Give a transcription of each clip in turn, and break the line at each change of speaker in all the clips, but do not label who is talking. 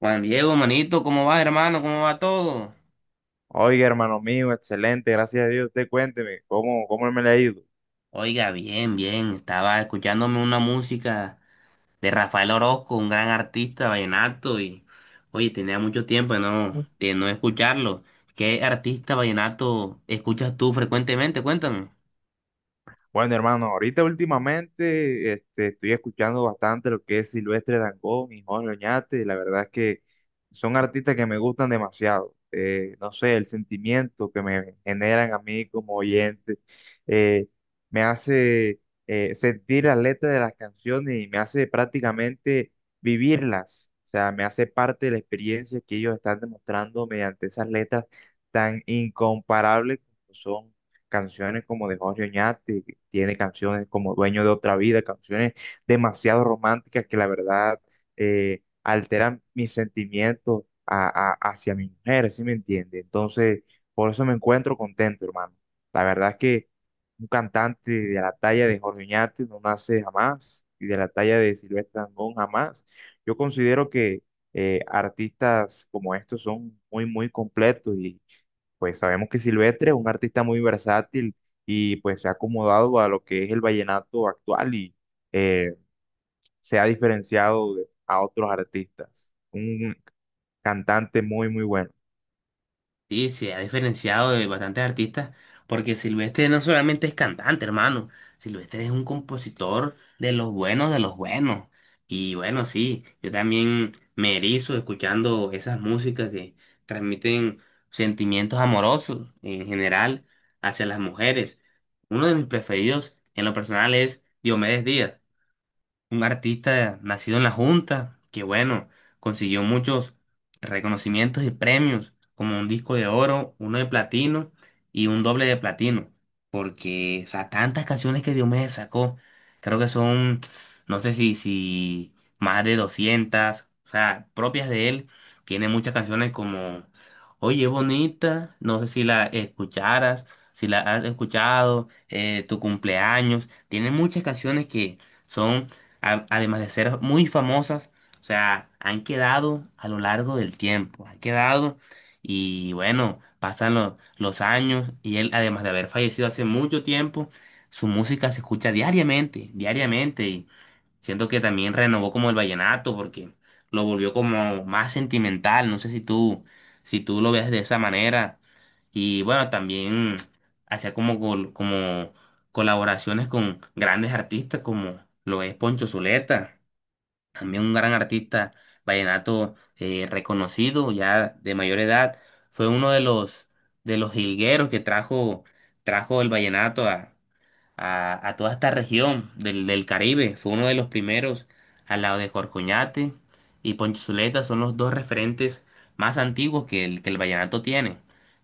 Juan Diego, manito, ¿cómo vas, hermano? ¿Cómo va todo?
Oiga, hermano mío, excelente, gracias a Dios. Usted cuénteme, ¿cómo me le ha ido?
Oiga, bien, bien. Estaba escuchándome una música de Rafael Orozco, un gran artista vallenato, y oye, tenía mucho tiempo de no escucharlo. ¿Qué artista vallenato escuchas tú frecuentemente? Cuéntame.
Bueno, hermano, ahorita últimamente estoy escuchando bastante lo que es Silvestre Dangond y Jorge Oñate. La verdad es que son artistas que me gustan demasiado. No sé, el sentimiento que me generan a mí como oyente eh, me hace sentir las letras de las canciones y me hace prácticamente vivirlas. O sea, me hace parte de la experiencia que ellos están demostrando mediante esas letras tan incomparables como son canciones como de Jorge Oñate, tiene canciones como Dueño de otra vida, canciones demasiado románticas que la verdad alteran mis sentimientos hacia mi mujer, ¿sí me entiende? Entonces, por eso me encuentro contento, hermano. La verdad es que un cantante de la talla de Jorge Oñate no nace jamás y de la talla de Silvestre Dangond jamás. Yo considero que artistas como estos son muy, muy completos y pues sabemos que Silvestre es un artista muy versátil y pues se ha acomodado a lo que es el vallenato actual y eh, se ha diferenciado a otros artistas. Un cantante muy, muy bueno.
Sí, se ha diferenciado de bastantes artistas, porque Silvestre no solamente es cantante, hermano, Silvestre es un compositor de los buenos de los buenos. Y bueno, sí, yo también me erizo escuchando esas músicas que transmiten sentimientos amorosos en general hacia las mujeres. Uno de mis preferidos en lo personal es Diomedes Díaz, un artista nacido en la Junta, que bueno, consiguió muchos reconocimientos y premios, como un disco de oro, uno de platino y un doble de platino, porque, o sea, tantas canciones que Diomedes sacó, creo que son, no sé si más de 200, o sea, propias de él, tiene muchas canciones como Oye Bonita, no sé si la escucharas, si la has escuchado, Tu cumpleaños, tiene muchas canciones que... Son además de ser muy famosas, o sea, han quedado a lo largo del tiempo, han quedado. Y bueno, pasan los años y él, además de haber fallecido hace mucho tiempo, su música se escucha diariamente, diariamente. Siento que también renovó como el vallenato porque lo volvió como más sentimental. No sé si tú lo ves de esa manera. Y bueno, también hacía como, como colaboraciones con grandes artistas como lo es Poncho Zuleta, también un gran artista vallenato, reconocido ya de mayor edad. Fue uno de los jilgueros que trajo el vallenato a toda esta región del Caribe. Fue uno de los primeros al lado de Jorcoñate y Ponchizuleta. Son los dos referentes más antiguos que el vallenato tiene.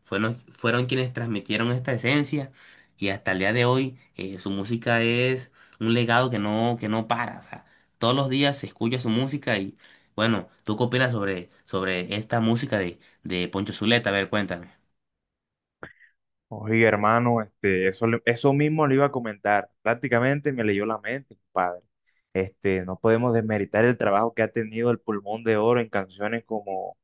Fueron quienes transmitieron esta esencia y hasta el día de hoy, su música es un legado que no para. O sea, todos los días se escucha su música y bueno, ¿tú qué opinas sobre esta música de Poncho Zuleta? A ver, cuéntame.
Oye, hermano, eso, eso mismo le iba a comentar. Prácticamente me leyó la mente, padre. Este, no podemos desmeritar el trabajo que ha tenido el Pulmón de Oro en canciones como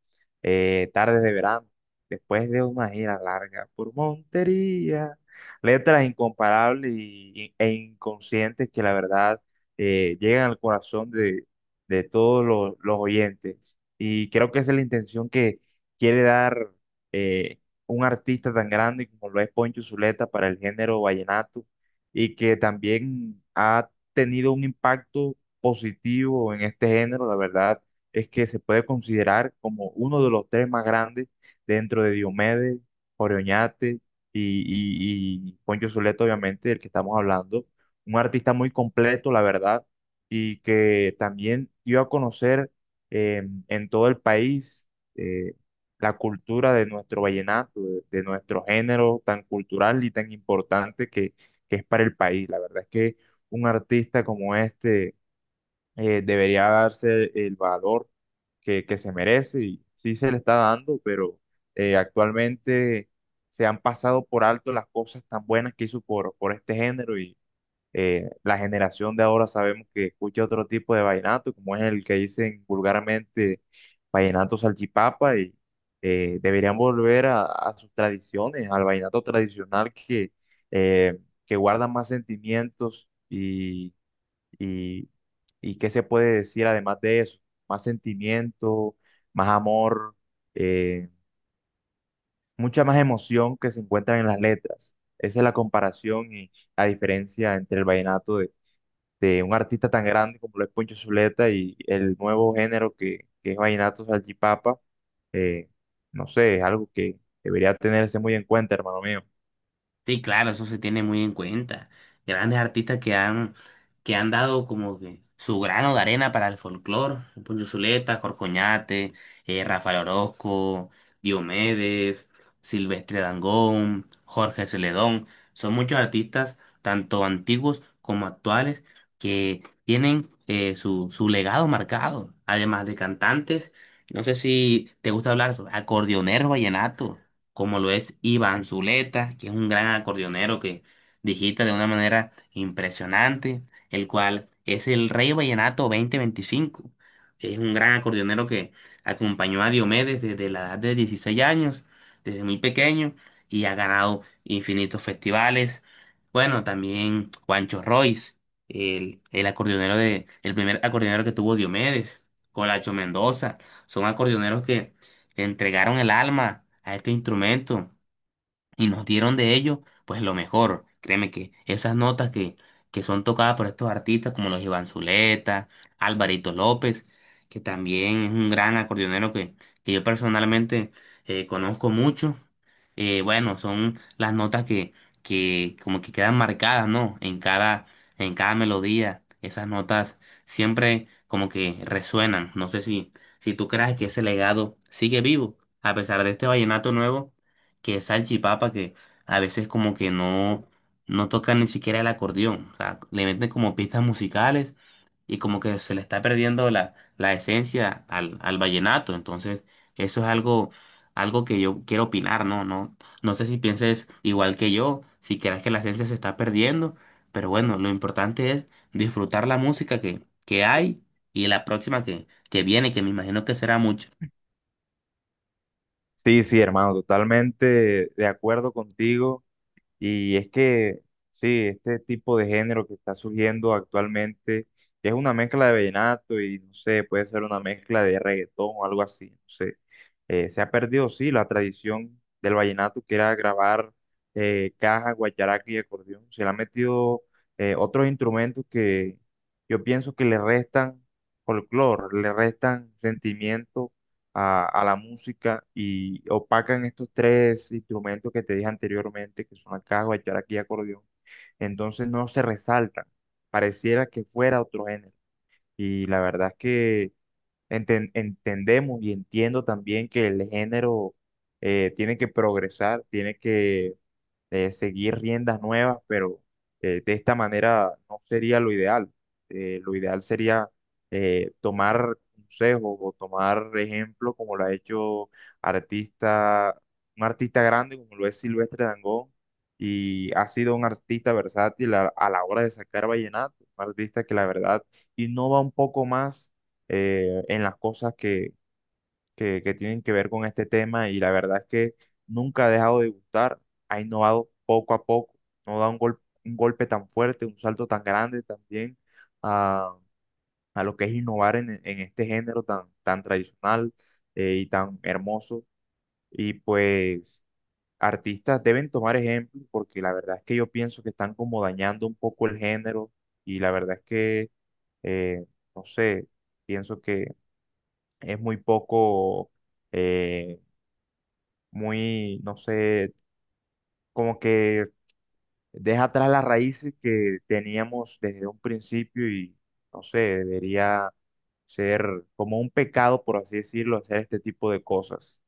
Tardes de Verano, después de una gira larga por Montería, letras incomparables e inconscientes que la verdad llegan al corazón de todos los oyentes. Y creo que esa es la intención que quiere dar. eh, un artista tan grande como lo es Poncho Zuleta para el género vallenato y que también ha tenido un impacto positivo en este género. La verdad es que se puede considerar como uno de los tres más grandes dentro de Diomedes, Jorge Oñate y Poncho Zuleta, obviamente, del que estamos hablando. Un artista muy completo, la verdad, y que también dio a conocer en todo el país. eh, la cultura de nuestro vallenato, de nuestro género tan cultural y tan importante que es para el país. La verdad es que un artista como este debería darse el valor que se merece y sí se le está dando, pero actualmente se han pasado por alto las cosas tan buenas que hizo por este género. La generación de ahora sabemos que escucha otro tipo de vallenato, como es el que dicen vulgarmente vallenato salchipapa, y deberían volver a sus tradiciones, al vallenato tradicional eh, que guarda más sentimientos y, y qué se puede decir además de eso, más sentimiento, más amor, eh, mucha más emoción que se encuentra en las letras. Esa es la comparación y la diferencia entre el vallenato de un artista tan grande como lo es Poncho Zuleta y el nuevo género que es Vallenato Salchipapa, eh, no sé, es algo que debería tenerse muy en cuenta, hermano mío.
Sí, claro, eso se tiene muy en cuenta. Grandes artistas que han dado como que su grano de arena para el folclore. Poncho Zuleta, Jorge Oñate, Rafael Orozco, Diomedes, Silvestre Dangond, Jorge Celedón. Son muchos artistas, tanto antiguos como actuales, que tienen su legado marcado. Además de cantantes, no sé si te gusta hablar sobre acordeoneros vallenatos como lo es Iván Zuleta, que es un gran acordeonero que digita de una manera impresionante, el cual es el Rey Vallenato 2025. Es un gran acordeonero que acompañó a Diomedes desde la edad de 16 años, desde muy pequeño, y ha ganado infinitos festivales. Bueno, también Juancho Royce, el acordeonero de, el primer acordeonero que tuvo Diomedes, Colacho Mendoza, son acordeoneros que le entregaron el alma a este instrumento y nos dieron de ello, pues lo mejor. Créeme que esas que son tocadas por estos artistas como los Iván Zuleta, Alvarito López, que también es un gran acordeonero que yo personalmente, conozco mucho. Eh, bueno, son las que como que quedan marcadas, ¿no? En cada melodía. Esas notas siempre como que resuenan. No sé si tú crees que ese legado sigue vivo, a pesar de este vallenato nuevo que salchipapa que a veces como que no tocan ni siquiera el acordeón. O sea, le meten como pistas musicales y como que se le está perdiendo la esencia al vallenato. Entonces, eso es algo que yo quiero opinar, ¿no? No sé si pienses igual que yo, si crees que la esencia se está perdiendo, pero bueno, lo importante es disfrutar la música que hay y la próxima que viene, que me imagino que será mucho.
Sí, sí, hermano, totalmente de acuerdo contigo. Y es que, sí, este tipo de género que está surgiendo actualmente es una mezcla de vallenato y, no sé, puede ser una mezcla de reggaetón o algo así, no sé. Se ha perdido, sí, la tradición del vallenato que era grabar caja, guacharaca y acordeón. Se le han metido otros instrumentos que yo pienso que le restan folclore, le restan sentimiento a la música y opacan estos tres instrumentos que te dije anteriormente, que son el caja, el aquí y acordeón. Entonces no se resaltan, pareciera que fuera otro género. Y la verdad es que entendemos y entiendo también que el género tiene que progresar, tiene que seguir riendas nuevas, pero de esta manera no sería lo ideal. Lo ideal sería tomar consejos o tomar ejemplo como lo ha hecho artista, un artista grande como lo es Silvestre Dangond y ha sido un artista versátil a la hora de sacar vallenato, un artista que la verdad innova un poco más en las cosas que tienen que ver con este tema y la verdad es que nunca ha dejado de gustar, ha innovado poco a poco, no da un un golpe tan fuerte, un salto tan grande también a, a lo que es innovar en este género tan, tan tradicional y tan hermoso. Y pues artistas deben tomar ejemplo porque la verdad es que yo pienso que están como dañando un poco el género y la verdad es que, eh, no sé, pienso que es muy poco... eh, muy, no sé, como que deja atrás las raíces que teníamos desde un principio y, no sé, debería ser como un pecado, por así decirlo, hacer este tipo de cosas.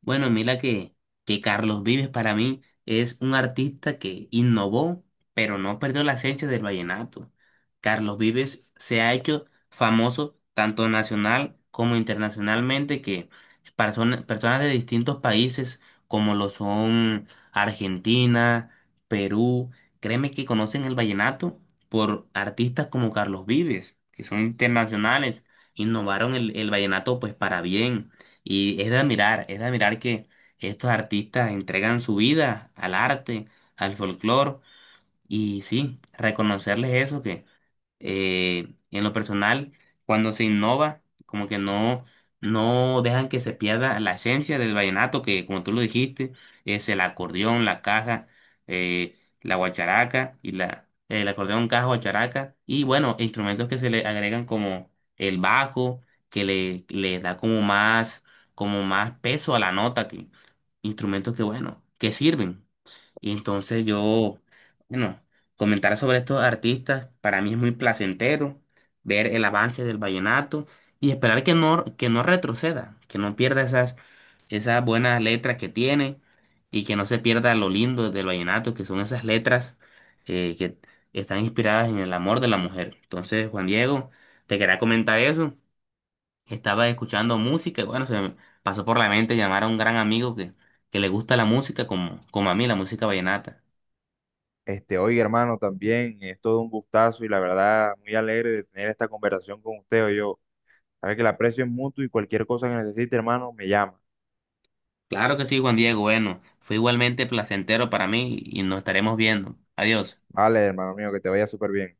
Bueno, mira que Carlos Vives para mí es un artista que innovó, pero no perdió la esencia del vallenato. Carlos Vives se ha hecho famoso tanto nacional como internacionalmente, que personas de distintos países como lo son Argentina, Perú, créeme que conocen el vallenato por artistas como Carlos Vives, que son internacionales, innovaron el vallenato pues para bien. Y es de admirar que estos artistas entregan su vida al arte, al folclore, y sí, reconocerles eso, que en lo personal, cuando se innova, como que no dejan que se pierda la esencia del vallenato, que como tú lo dijiste, es el acordeón, la caja, la guacharaca y la, el acordeón, caja, guacharaca, y bueno, instrumentos que se le agregan como el bajo, que le da como más peso a la nota, que, instrumentos que bueno, que sirven. Y entonces yo, bueno, comentar sobre estos artistas para mí es muy placentero ver el avance del vallenato y esperar que no retroceda, que no pierda esas buenas letras que tiene y que no se pierda lo lindo del vallenato, que son esas letras que están inspiradas en el amor de la mujer. Entonces, Juan Diego, te quería comentar eso. Estaba escuchando música y bueno, se me pasó por la mente llamar a un gran amigo que le gusta la música como, como a mí, la música vallenata.
Este, oye, hermano, también es todo un gustazo y la verdad muy alegre de tener esta conversación con usted. Yo, sabe que el aprecio es mutuo y cualquier cosa que necesite, hermano, me llama.
Claro que sí, Juan Diego. Bueno, fue igualmente placentero para mí y nos estaremos viendo. Adiós.
Vale, hermano mío, que te vaya súper bien.